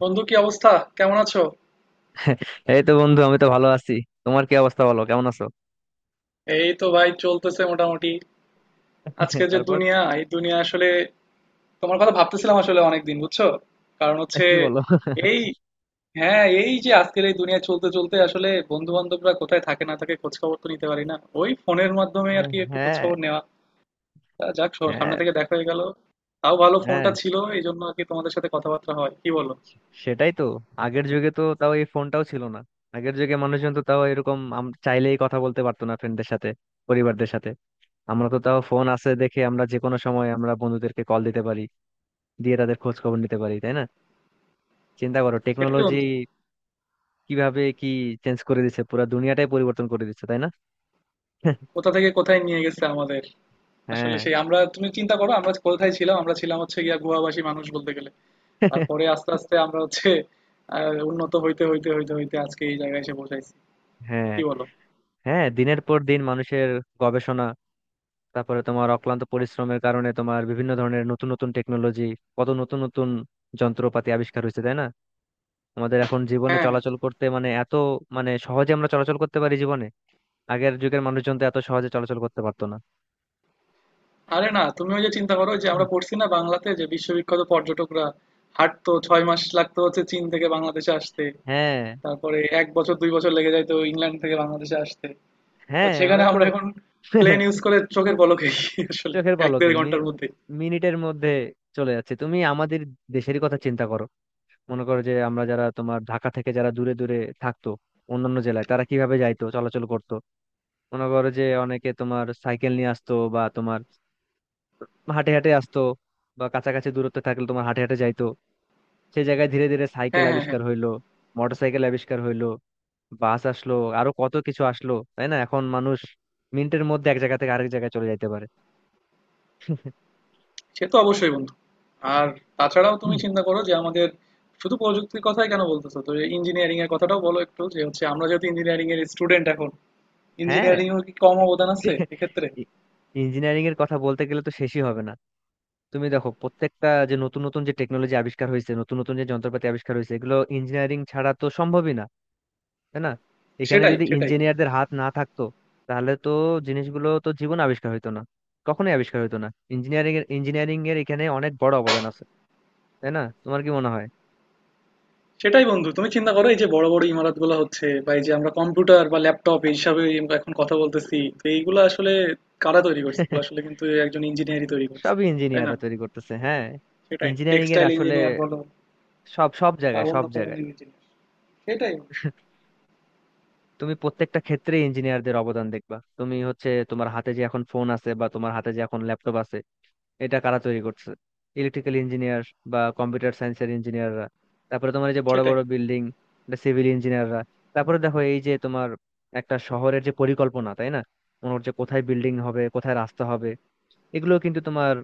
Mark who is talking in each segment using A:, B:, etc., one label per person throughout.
A: বন্ধু, কি অবস্থা? কেমন আছো?
B: এই তো বন্ধু, আমি তো ভালো আছি। তোমার কি অবস্থা, বলো কেমন আছো?
A: এই তো ভাই, চলতেছে মোটামুটি। আজকে যে
B: তারপর?
A: দুনিয়া, এই দুনিয়া আসলে তোমার কথা ভাবতেছিলাম আসলে অনেকদিন, বুঝছো? কারণ হচ্ছে
B: কি বলো?
A: এই, হ্যাঁ এই যে আজকের এই দুনিয়া চলতে চলতে আসলে বন্ধু বান্ধবরা কোথায় থাকে না থাকে খোঁজ খবর তো নিতে পারি না, ওই ফোনের মাধ্যমে আর কি একটু খোঁজ
B: হ্যাঁ,
A: খবর নেওয়া। তা যাক, সব সামনে
B: হ্যাঁ,
A: থেকে দেখা হয়ে গেল। তাও ভালো
B: হ্যাঁ,
A: ফোনটা ছিল, এই জন্য আর কি তোমাদের সাথে কথাবার্তা হয়, কি বলো?
B: সেটাই তো। আগের যুগে তো তাও এই ফোনটাও ছিল না। আগের যুগে মানুষজন তো তাও এরকম চাইলেই কথা বলতে পারতো না ফ্রেন্ডদের সাথে, পরিবারদের সাথে। আমরা তো তাও ফোন আছে দেখে আমরা যে কোনো সময় আমরা বন্ধুদেরকে কল দিতে পারি, দিয়ে তাদের খোঁজ খবর নিতে পারি, তাই না? চিন্তা করো
A: সেটাই
B: টেকনোলজি
A: বন্ধু।
B: কিভাবে কি চেঞ্জ করে দিচ্ছে, পুরো দুনিয়াটাই পরিবর্তন করে দিচ্ছে, তাই না?
A: কোথা থেকে কোথায় নিয়ে গেছে আমাদের! আসলে
B: হ্যাঁ।
A: সেই আমরা, তুমি চিন্তা করো আমরা কোথায় ছিলাম, আমরা ছিলাম হচ্ছে গিয়া গুহাবাসী মানুষ বলতে গেলে। তারপরে আস্তে আস্তে আমরা হচ্ছে উন্নত হইতে হইতে হইতে হইতে আজকে এই জায়গায় এসে পৌঁছাইছি।
B: হ্যাঁ,
A: কি বলো?
B: হ্যাঁ, দিনের পর দিন মানুষের গবেষণা, তারপরে তোমার অক্লান্ত পরিশ্রমের কারণে তোমার বিভিন্ন ধরনের নতুন নতুন টেকনোলজি, কত নতুন নতুন যন্ত্রপাতি আবিষ্কার হয়েছে, তাই না? আমাদের এখন জীবনে
A: হ্যাঁ হ্যাঁ।
B: চলাচল করতে মানে এত মানে সহজে আমরা চলাচল করতে পারি জীবনে। আগের যুগের মানুষজন তো এত সহজে চলাচল করতে পারতো না।
A: আরে না, তুমি ওই যে চিন্তা করো যে
B: হুম।
A: আমরা পড়ছি না বাংলাতে যে বিশ্ববিখ্যাত পর্যটকরা হাঁটতো, 6 মাস লাগতো হচ্ছে চীন থেকে বাংলাদেশে আসতে।
B: হ্যাঁ,
A: তারপরে 1 বছর 2 বছর লেগে যাইতো ইংল্যান্ড থেকে বাংলাদেশে আসতে। তো
B: হ্যাঁ,
A: সেখানে
B: ওরা তো।
A: আমরা এখন প্লেন ইউজ করে চোখের পলকেই আসলে
B: চোখের
A: এক
B: পলকে
A: দেড় ঘন্টার মধ্যে।
B: মিনিটের মধ্যে চলে যাচ্ছে। তুমি আমাদের দেশেরই কথা চিন্তা করো। মনে করো যে আমরা যারা তোমার ঢাকা থেকে যারা দূরে দূরে থাকতো অন্যান্য জেলায়, তারা কিভাবে যাইতো, চলাচল করতো? মনে করো যে অনেকে তোমার সাইকেল নিয়ে আসতো বা তোমার হাঁটে হাঁটে আসতো, বা কাছাকাছি দূরত্বে থাকলে তোমার হাঁটে হাঁটে যাইতো। সেই জায়গায় ধীরে ধীরে সাইকেল
A: হ্যাঁ হ্যাঁ হ্যাঁ।
B: আবিষ্কার হইলো, মোটর সাইকেল আবিষ্কার হইলো, বাস আসলো, আরো কত কিছু আসলো, তাই না? এখন মানুষ মিনিটের মধ্যে এক জায়গা থেকে আরেক জায়গায় চলে যাইতে পারে।
A: সে তো অবশ্যই বন্ধু। আর তাছাড়াও তুমি
B: হুম।
A: চিন্তা করো যে আমাদের শুধু প্রযুক্তির কথাই কেন বলতেছো তো, ইঞ্জিনিয়ারিং এর কথাটাও বলো একটু। যে হচ্ছে আমরা যেহেতু ইঞ্জিনিয়ারিং এর স্টুডেন্ট, এখন
B: হ্যাঁ।
A: ইঞ্জিনিয়ারিং এর কি কম অবদান আছে এক্ষেত্রে?
B: ইঞ্জিনিয়ারিং এর কথা বলতে গেলে তো শেষই হবে না। তুমি দেখো প্রত্যেকটা যে নতুন নতুন যে টেকনোলজি আবিষ্কার হয়েছে, নতুন নতুন যে যন্ত্রপাতি আবিষ্কার হয়েছে, এগুলো ইঞ্জিনিয়ারিং ছাড়া তো সম্ভবই না, তাই না? এখানে
A: সেটাই,
B: যদি
A: সেটাই।
B: ইঞ্জিনিয়ারদের হাত না থাকতো, তাহলে তো জিনিসগুলো তো জীবন আবিষ্কার হইতো না, কখনোই আবিষ্কার হইতো না। ইঞ্জিনিয়ারিং এর এখানে অনেক বড় অবদান আছে, তাই না? তোমার কি মনে হয়?
A: সেটাই বন্ধু, তুমি চিন্তা করো এই যে বড় বড় ইমারত গুলো হচ্ছে, বা এই যে আমরা কম্পিউটার বা ল্যাপটপ এই হিসাবে এখন কথা বলতেছি, তো এইগুলো আসলে কারা তৈরি করছে? এগুলো আসলে কিন্তু একজন ইঞ্জিনিয়ারই তৈরি করছে,
B: সবই
A: তাই না?
B: ইঞ্জিনিয়াররা তৈরি করতেছে, হ্যাঁ।
A: সেটাই,
B: ইঞ্জিনিয়ারিং এর
A: টেক্সটাইল
B: আসলে
A: ইঞ্জিনিয়ার বলো
B: সব সব
A: বা
B: জায়গায়
A: অন্য
B: সব
A: কোনো
B: জায়গায়,
A: ইঞ্জিনিয়ার। সেটাই,
B: তুমি প্রত্যেকটা ক্ষেত্রে ইঞ্জিনিয়ারদের অবদান দেখবা। তুমি হচ্ছে তোমার হাতে যে এখন ফোন আছে বা তোমার হাতে যে এখন ল্যাপটপ আছে, এটা কারা তৈরি করছে? ইলেকট্রিক্যাল ইঞ্জিনিয়ার বা কম্পিউটার সায়েন্সের ইঞ্জিনিয়াররা। তারপরে তোমার এই যে বড়
A: সেটাই।
B: বড় বিল্ডিং, এটা সিভিল ইঞ্জিনিয়াররা। তারপরে দেখো এই যে তোমার একটা শহরের যে পরিকল্পনা, তাই না? মনে হচ্ছে কোথায় বিল্ডিং হবে, কোথায় রাস্তা হবে, এগুলো কিন্তু তোমার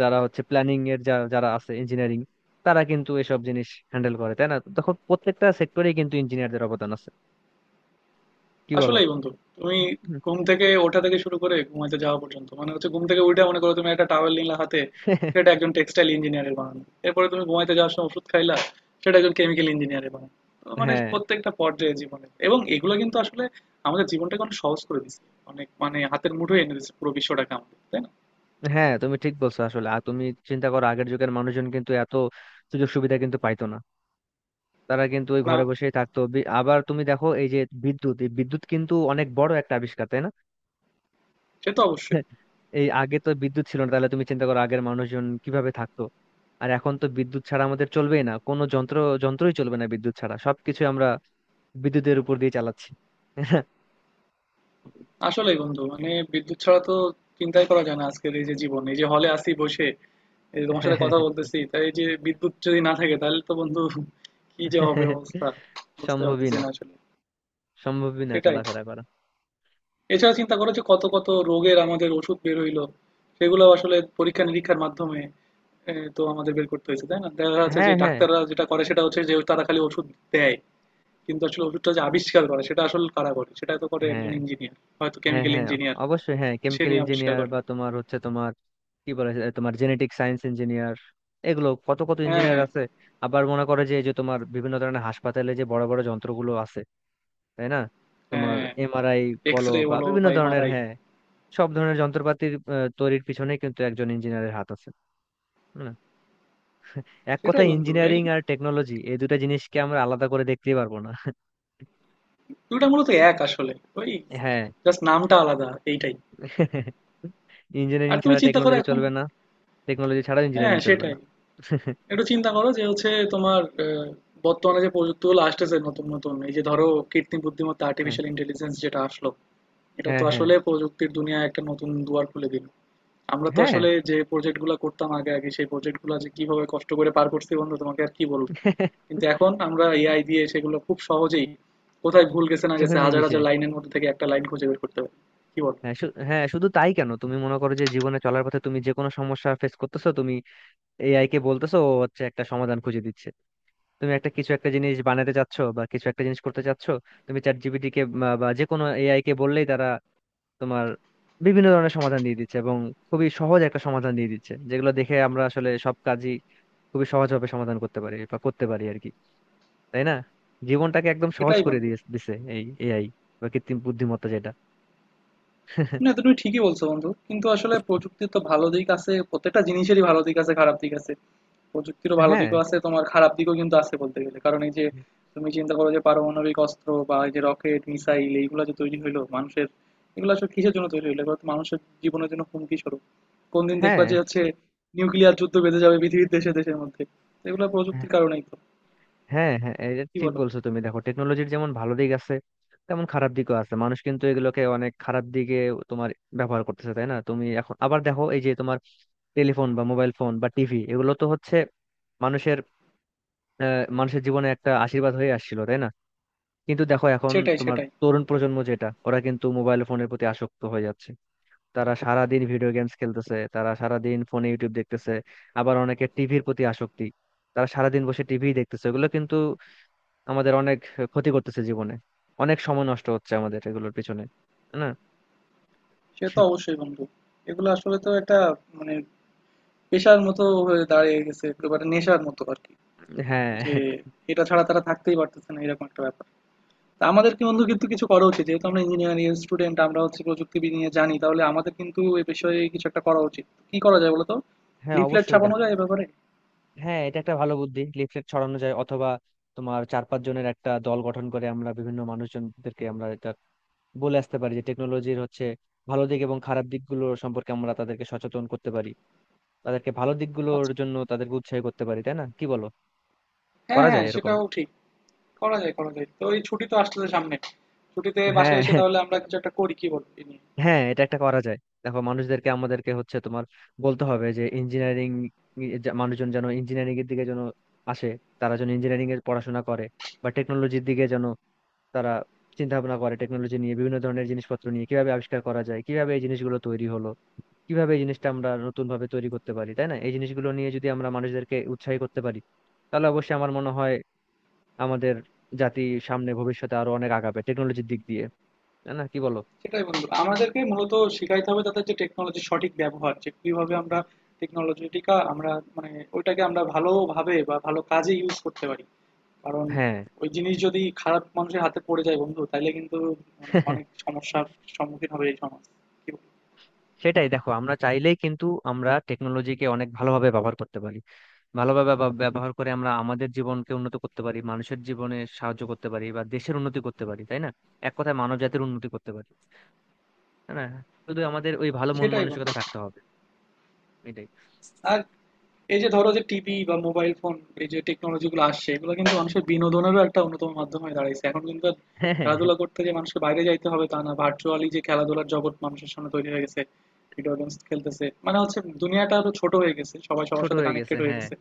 B: যারা হচ্ছে প্ল্যানিং এর যারা আছে ইঞ্জিনিয়ারিং, তারা কিন্তু এসব জিনিস হ্যান্ডেল করে, তাই না? তখন প্রত্যেকটা সেক্টরেই কিন্তু ইঞ্জিনিয়ারদের অবদান আছে, কি বলো?
A: আসলেই বন্ধু, তুমি ঘুম থেকে ওঠা থেকে শুরু করে ঘুমাইতে যাওয়া পর্যন্ত, মানে হচ্ছে ঘুম থেকে উঠে মনে করো তুমি একটা টাওয়েল নিলা হাতে, সেটা একজন টেক্সটাইল ইঞ্জিনিয়ারের বানানো। এরপরে তুমি ঘুমাইতে যাওয়ার সময় ওষুধ খাইলা, সেটা একজন কেমিক্যাল ইঞ্জিনিয়ারের বানানো। তো মানে
B: হ্যাঁ,
A: প্রত্যেকটা পর্যায়ে জীবনে, এবং এগুলো কিন্তু আসলে আমাদের জীবনটাকে অনেক সহজ করে দিচ্ছে। অনেক মানে হাতের মুঠোয় এনে দিচ্ছে পুরো বিশ্বটাকে আমাদের, তাই না?
B: হ্যাঁ, তুমি ঠিক বলছো আসলে। আর তুমি চিন্তা করো আগের যুগের মানুষজন কিন্তু এত সুযোগ সুবিধা কিন্তু পাইতো না। তারা কিন্তু ওই ঘরে
A: না,
B: বসেই থাকতো। আবার তুমি দেখো এই যে বিদ্যুৎ, এই বিদ্যুৎ কিন্তু অনেক বড় একটা আবিষ্কার, তাই না?
A: সে তো অবশ্যই।
B: এই আগে তো বিদ্যুৎ ছিল না, তাহলে তুমি চিন্তা করো আগের মানুষজন কিভাবে থাকতো? আর এখন তো বিদ্যুৎ ছাড়া আমাদের চলবেই না। কোনো যন্ত্র, যন্ত্রই চলবে না বিদ্যুৎ ছাড়া। সবকিছু আমরা বিদ্যুতের উপর দিয়ে চালাচ্ছি।
A: আসলে বন্ধু, মানে বিদ্যুৎ ছাড়া তো চিন্তাই করা যায় না। আজকের এই যে জীবন, এই যে হলে আসি বসে এই যে তোমার সাথে কথা বলতেছি, তাই এই যে বিদ্যুৎ যদি না থাকে তাহলে তো বন্ধু কি যে হবে অবস্থা বুঝতে
B: সম্ভবই
A: পারতেছি
B: না,
A: না আসলে।
B: সম্ভবই না
A: সেটাই।
B: চলাফেরা করা।
A: এছাড়া চিন্তা করো যে কত কত রোগের আমাদের ওষুধ বের হইলো, সেগুলো আসলে পরীক্ষা নিরীক্ষার মাধ্যমে তো আমাদের বের করতে হয়েছে, তাই না? দেখা যাচ্ছে
B: হ্যাঁ,
A: যে
B: হ্যাঁ,
A: ডাক্তাররা যেটা করে সেটা হচ্ছে যে তারা খালি ওষুধ দেয়। কিন্তু আসলে ওষুধটা যে আবিষ্কার করে সেটা আসলে কারা করে? সেটা তো করে
B: হ্যাঁ,
A: একজন ইঞ্জিনিয়ার, হয়তো
B: হ্যাঁ,
A: কেমিক্যাল
B: হ্যাঁ,
A: ইঞ্জিনিয়ার
B: অবশ্যই হ্যাঁ।
A: সে
B: কেমিক্যাল
A: নিয়ে আবিষ্কার
B: ইঞ্জিনিয়ার
A: করে।
B: বা তোমার হচ্ছে তোমার কি বলে, তোমার জেনেটিক সায়েন্স ইঞ্জিনিয়ার, এগুলো কত কত
A: হ্যাঁ,
B: ইঞ্জিনিয়ার
A: হ্যাঁ,
B: আছে। আবার মনে করে যে এই যে তোমার বিভিন্ন ধরনের হাসপাতালে যে বড় বড় যন্ত্রগুলো আছে, তাই না? তোমার
A: হ্যাঁ।
B: এমআরআই বলো
A: এক্স-রে
B: বা
A: বলো
B: বিভিন্ন
A: বা
B: ধরনের,
A: এমআরআই।
B: হ্যাঁ, সব ধরনের যন্ত্রপাতির তৈরির পিছনে কিন্তু একজন ইঞ্জিনিয়ারের হাত আছে। হুম। এক কথা,
A: সেটাই বন্ধু, এই
B: ইঞ্জিনিয়ারিং আর টেকনোলজি এই দুটো জিনিসকে আমরা আলাদা করে দেখতেই পারবো না।
A: দুটো মূলত এক আসলে, ওই
B: হ্যাঁ।
A: জাস্ট নামটা আলাদা এইটাই।
B: ইঞ্জিনিয়ারিং
A: আর তুমি
B: ছাড়া
A: চিন্তা করো
B: টেকনোলজি
A: এখন।
B: চলবে না, টেকনোলজি ছাড়া
A: হ্যাঁ
B: ইঞ্জিনিয়ারিং চলবে না।
A: সেটাই। একটু চিন্তা করো যে হচ্ছে তোমার বর্তমানে যে প্রযুক্তিগুলো আসতেছে নতুন নতুন, এই যে ধরো কৃত্রিম বুদ্ধিমত্তা,
B: হ্যাঁ,
A: আর্টিফিশিয়াল ইন্টেলিজেন্স যেটা আসলো, এটা
B: হ্যাঁ,
A: তো
B: হ্যাঁ,
A: আসলে প্রযুক্তির দুনিয়ায় একটা নতুন দুয়ার খুলে দিল। আমরা তো
B: হ্যাঁ,
A: আসলে যে প্রজেক্ট গুলা করতাম আগে আগে, সেই প্রজেক্ট গুলা যে কিভাবে কষ্ট করে পার করছি বন্ধু, তোমাকে আর কি বলবো। কিন্তু এখন আমরা এআই দিয়ে সেগুলো খুব সহজেই, কোথায় ভুল গেছে না গেছে
B: চোখের
A: হাজার
B: নিমিষে।
A: হাজার লাইনের মধ্যে থেকে একটা লাইন খুঁজে বের করতে পারি। কি বলো?
B: হ্যাঁ হ্যাঁ, শুধু তাই কেন, তুমি মনে করো যে জীবনে চলার পথে তুমি যে কোনো সমস্যা ফেস করতেছো, তুমি এআই কে বলতেছো, ও হচ্ছে একটা সমাধান খুঁজে দিচ্ছে। তুমি একটা কিছু একটা জিনিস বানাতে চাচ্ছ বা কিছু একটা জিনিস করতে চাচ্ছ, তুমি চ্যাট জিপিটি কে বা বা যে কোনো এআই কে বললেই তারা তোমার বিভিন্ন ধরনের সমাধান দিয়ে দিচ্ছে, এবং খুবই সহজ একটা সমাধান দিয়ে দিচ্ছে যেগুলো দেখে আমরা আসলে সব কাজই খুবই সহজভাবে সমাধান করতে পারি বা করতে পারি আর কি, তাই না? জীবনটাকে একদম সহজ
A: সেটাই
B: করে
A: বন্ধু।
B: দিয়ে দিছে এই এআই বা কৃত্রিম বুদ্ধিমত্তা যেটা।
A: না তো, তুমি ঠিকই বলছো বন্ধু। কিন্তু আসলে প্রযুক্তির তো ভালো দিক আছে, প্রত্যেকটা জিনিসেরই ভালো দিক আছে খারাপ দিক আছে। প্রযুক্তিরও ভালো
B: হ্যাঁ,
A: দিকও আছে, তোমার খারাপ দিকও কিন্তু আছে বলতে গেলে। কারণ এই যে তুমি চিন্তা করো, যে পারমাণবিক অস্ত্র, বা এই যে রকেট মিসাইল, এইগুলো যে তৈরি হইলো মানুষের, এগুলো আসলে কিসের জন্য তৈরি হইলো? এগুলো তো মানুষের জীবনের জন্য হুমকি স্বরূপ। কোন দিন দেখবা
B: হ্যাঁ,
A: যে হচ্ছে নিউক্লিয়ার যুদ্ধ বেঁধে যাবে পৃথিবীর দেশে দেশের মধ্যে। এগুলো প্রযুক্তির কারণেই তো।
B: হ্যাঁ, হ্যাঁ, এটা
A: কি
B: ঠিক
A: বলো?
B: বলছো। তুমি দেখো টেকনোলজির যেমন ভালো দিক আছে, তেমন খারাপ দিকও আছে। মানুষ কিন্তু এগুলোকে অনেক খারাপ দিকে তোমার ব্যবহার করতেছে, তাই না? তুমি এখন আবার দেখো এই যে তোমার টেলিফোন বা মোবাইল ফোন বা টিভি, এগুলো তো হচ্ছে মানুষের, মানুষের জীবনে একটা আশীর্বাদ হয়ে আসছিল, তাই না? কিন্তু দেখো এখন
A: সেটাই,
B: তোমার
A: সেটাই।
B: তরুণ প্রজন্ম যেটা, ওরা কিন্তু মোবাইল ফোনের প্রতি আসক্ত হয়ে যাচ্ছে। তারা সারাদিন ভিডিও গেমস খেলতেছে, তারা সারাদিন ফোনে ইউটিউব দেখতেছে। আবার অনেকে টিভির প্রতি আসক্তি, তারা সারাদিন বসে টিভি দেখতেছে। এগুলো কিন্তু আমাদের অনেক ক্ষতি করতেছে জীবনে। অনেক সময় নষ্ট হচ্ছে আমাদের এগুলোর পিছনে, তাই না?
A: সে তো অবশ্যই বন্ধু। এগুলো আসলে তো একটা মানে পেশার মতো হয়ে দাঁড়িয়ে গেছে, এগুলো একটা নেশার মতো আর কি।
B: হ্যাঁ,
A: যে এটা ছাড়া তারা থাকতেই পারতেছে না, এরকম একটা ব্যাপার। তা আমাদের কিন্তু কিন্তু কিছু করা উচিত, যেহেতু আমরা ইঞ্জিনিয়ারিং স্টুডেন্ট, আমরা হচ্ছে প্রযুক্তিবিদ নিয়ে জানি, তাহলে আমাদের কিন্তু এই বিষয়ে কিছু একটা করা উচিত। কি করা যায় বলতো?
B: হ্যাঁ,
A: লিফলেট
B: অবশ্যই। দেখ,
A: ছাপানো যায় এ ব্যাপারে।
B: হ্যাঁ, এটা একটা ভালো বুদ্ধি, লিফলেট ছড়ানো যায়, অথবা তোমার চার পাঁচ জনের একটা দল গঠন করে আমরা বিভিন্ন মানুষজনদেরকে আমরা এটা বলে আসতে পারি যে টেকনোলজির হচ্ছে ভালো দিক এবং খারাপ দিকগুলো সম্পর্কে আমরা তাদেরকে সচেতন করতে পারি, তাদেরকে ভালো দিকগুলোর
A: আচ্ছা,
B: জন্য তাদেরকে উৎসাহী করতে পারি, তাই না, কি বলো?
A: হ্যাঁ
B: করা যায়
A: হ্যাঁ
B: এরকম।
A: সেটাও ঠিক। করা যায়, করা যায়। তো এই ছুটি তো আসতেছে সামনে, ছুটিতে বাসায়
B: হ্যাঁ।
A: এসে তাহলে আমরা কিছু একটা করি, কি বলবো এ নিয়ে?
B: হ্যাঁ, হ্যাঁ, এটা একটা করা যায়। দেখো মানুষদেরকে আমাদেরকে হচ্ছে তোমার বলতে হবে যে ইঞ্জিনিয়ারিং, মানুষজন যেন ইঞ্জিনিয়ারিং এর দিকে যেন আসে, তারা যেন ইঞ্জিনিয়ারিং এর পড়াশোনা করে বা টেকনোলজির দিকে যেন তারা চিন্তা ভাবনা করে টেকনোলজি নিয়ে, বিভিন্ন ধরনের জিনিসপত্র নিয়ে কিভাবে আবিষ্কার করা যায়, কিভাবে এই জিনিসগুলো তৈরি হলো, কিভাবে এই জিনিসটা আমরা নতুন ভাবে তৈরি করতে পারি, তাই না? এই জিনিসগুলো নিয়ে যদি আমরা মানুষদেরকে উৎসাহী করতে পারি, তাহলে অবশ্যই আমার মনে হয় আমাদের জাতি সামনে ভবিষ্যতে আরো অনেক আগাবে টেকনোলজির দিক দিয়ে, তাই না, কি বলো?
A: সেটাই বন্ধু। আমাদেরকে মূলত শিখাইতে হবে তাদের যে টেকনোলজির সঠিক ব্যবহার, যে কিভাবে আমরা টেকনোলজিটিকা আমরা মানে ওইটাকে আমরা ভালোভাবে বা ভালো কাজে ইউজ করতে পারি। কারণ
B: হ্যাঁ।
A: ওই জিনিস যদি খারাপ মানুষের হাতে পড়ে যায় বন্ধু, তাহলে কিন্তু মানে অনেক সমস্যার সম্মুখীন হবে এই সমাজ। কি বলো?
B: সেটাই, দেখো আমরা চাইলেই কিন্তু আমরা টেকনোলজিকে অনেক ভালোভাবে ব্যবহার করতে পারি। ভালোভাবে ব্যবহার করে আমরা আমাদের জীবনকে উন্নত করতে পারি, মানুষের জীবনে সাহায্য করতে পারি বা দেশের উন্নতি করতে পারি, তাই না? এক কথায় মানব জাতির উন্নতি করতে পারি, তাই না? শুধু আমাদের ওই ভালো মন
A: সেটাই বন্ধু।
B: মানসিকতা থাকতে হবে। এটাই।
A: আর এই যে ধরো যে টিভি বা মোবাইল ফোন, এই যে টেকনোলজি গুলো আসছে এগুলো কিন্তু মানুষের বিনোদনেরও একটা অন্যতম মাধ্যম হয়ে দাঁড়িয়েছে এখন কিন্তু। আর
B: হ্যাঁ, হ্যাঁ, হ্যাঁ,
A: খেলাধুলা করতে যে মানুষকে বাইরে যাইতে হবে তা না, ভার্চুয়ালি যে খেলাধুলার জগৎ মানুষের সামনে তৈরি হয়ে গেছে, ভিডিও গেমস খেলতেছে, মানে হচ্ছে দুনিয়াটা আরো ছোট হয়ে গেছে, সবাই সবার
B: ছোট
A: সাথে
B: হয়ে গেছে,
A: কানেক্টেড হয়ে
B: হ্যাঁ।
A: গেছে।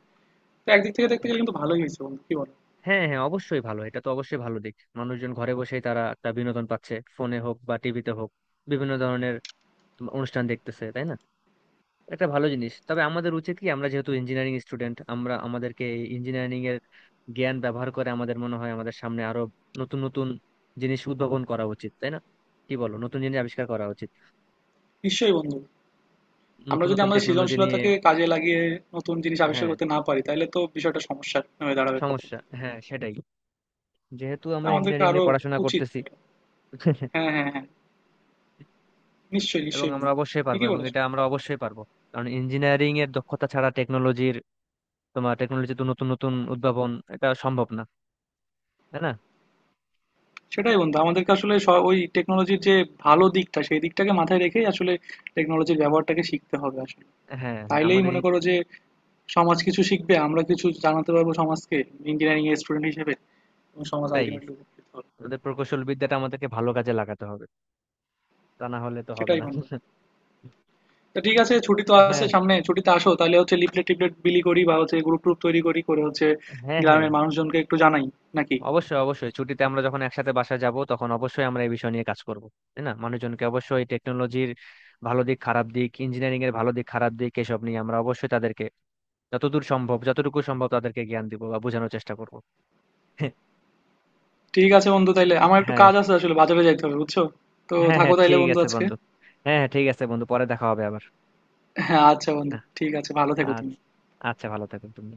A: তো একদিক থেকে দেখতে গেলে কিন্তু ভালোই হয়েছে বন্ধু, কি বলো?
B: হ্যাঁ, হ্যাঁ, অবশ্যই ভালো, এটা তো অবশ্যই ভালো দিক। মানুষজন ঘরে বসেই তারা একটা বিনোদন পাচ্ছে, ফোনে হোক বা টিভিতে হোক, বিভিন্ন ধরনের তোমার অনুষ্ঠান দেখতেছে, তাই না? একটা ভালো জিনিস। তবে আমাদের উচিত কি, আমরা যেহেতু ইঞ্জিনিয়ারিং স্টুডেন্ট, আমরা আমাদেরকে এই ইঞ্জিনিয়ারিং এর জ্ঞান ব্যবহার করে আমাদের মনে হয় আমাদের সামনে আরো নতুন নতুন জিনিস উদ্ভাবন করা উচিত, তাই না কি বলো, নতুন জিনিস আবিষ্কার করা উচিত,
A: নিশ্চয়ই বন্ধু। আমরা
B: নতুন
A: যদি
B: নতুন
A: আমাদের
B: টেকনোলজি নিয়ে।
A: সৃজনশীলতাকে কাজে লাগিয়ে নতুন জিনিস আবিষ্কার
B: হ্যাঁ,
A: করতে না পারি, তাহলে তো বিষয়টা সমস্যা হয়ে দাঁড়াবে
B: সমস্যা,
A: পরবর্তীতে।
B: হ্যাঁ সেটাই, যেহেতু আমরা
A: আমাদেরকে
B: ইঞ্জিনিয়ারিং
A: আরো
B: নিয়ে পড়াশোনা
A: উচিত
B: করতেছি।
A: এটা। হ্যাঁ হ্যাঁ হ্যাঁ। নিশ্চয়ই
B: এবং
A: নিশ্চয়ই
B: আমরা
A: বন্ধু।
B: অবশ্যই পারবো,
A: ঠিকই
B: এবং
A: বলেছো।
B: এটা আমরা অবশ্যই পারবো। কারণ ইঞ্জিনিয়ারিং এর দক্ষতা ছাড়া টেকনোলজির, তোমার টেকনোলজি তো নতুন নতুন উদ্ভাবন, এটা সম্ভব না, তাই না?
A: সেটাই বন্ধু, আমাদেরকে আসলে ওই টেকনোলজির যে ভালো দিকটা, সেই দিকটাকে মাথায় রেখেই আসলে টেকনোলজির ব্যবহারটাকে শিখতে হবে আসলে।
B: হ্যাঁ, হ্যাঁ,
A: তাইলেই
B: আমাদের
A: মনে করো যে সমাজ কিছু শিখবে, আমরা কিছু জানাতে পারবো সমাজকে ইঞ্জিনিয়ারিং এর স্টুডেন্ট হিসেবে, এবং সমাজ
B: তাই
A: আলটিমেটলি উপকৃত হবে।
B: আমাদের প্রকৌশল বিদ্যাটা আমাদেরকে ভালো কাজে লাগাতে হবে, তা না হলে তো হবে
A: সেটাই
B: না।
A: বন্ধু। তো ঠিক আছে, ছুটি তো আছে
B: হ্যাঁ,
A: সামনে, ছুটিতে আসো তাহলে হচ্ছে লিফলেট টিফলেট বিলি করি, বা হচ্ছে গ্রুপ ট্রুপ তৈরি করি করে হচ্ছে
B: হ্যাঁ, হ্যাঁ,
A: গ্রামের মানুষজনকে একটু জানাই, নাকি?
B: অবশ্যই, অবশ্যই ছুটিতে আমরা যখন একসাথে বাসায় যাব তখন অবশ্যই আমরা এই বিষয় নিয়ে কাজ করব, তাই না? মানুষজনকে অবশ্যই টেকনোলজির ভালো দিক খারাপ দিক, ইঞ্জিনিয়ারিং এর ভালো দিক খারাপ দিক, এসব নিয়ে আমরা অবশ্যই তাদেরকে যতদূর সম্ভব, যতটুকু সম্ভব তাদেরকে জ্ঞান দিব বা বোঝানোর চেষ্টা করব।
A: ঠিক আছে বন্ধু, তাইলে আমার একটু
B: হ্যাঁ,
A: কাজ আছে আসলে, বাজারে যাইতে হবে, বুঝছো? তো
B: হ্যাঁ,
A: থাকো
B: হ্যাঁ,
A: তাইলে
B: ঠিক
A: বন্ধু
B: আছে
A: আজকে।
B: বন্ধু। হ্যাঁ, হ্যাঁ, ঠিক আছে বন্ধু, পরে দেখা হবে আবার।
A: হ্যাঁ আচ্ছা বন্ধু,
B: হ্যাঁ,
A: ঠিক আছে, ভালো থেকো তুমি।
B: আচ্ছা। আচ্ছা, ভালো থাকো তুমি।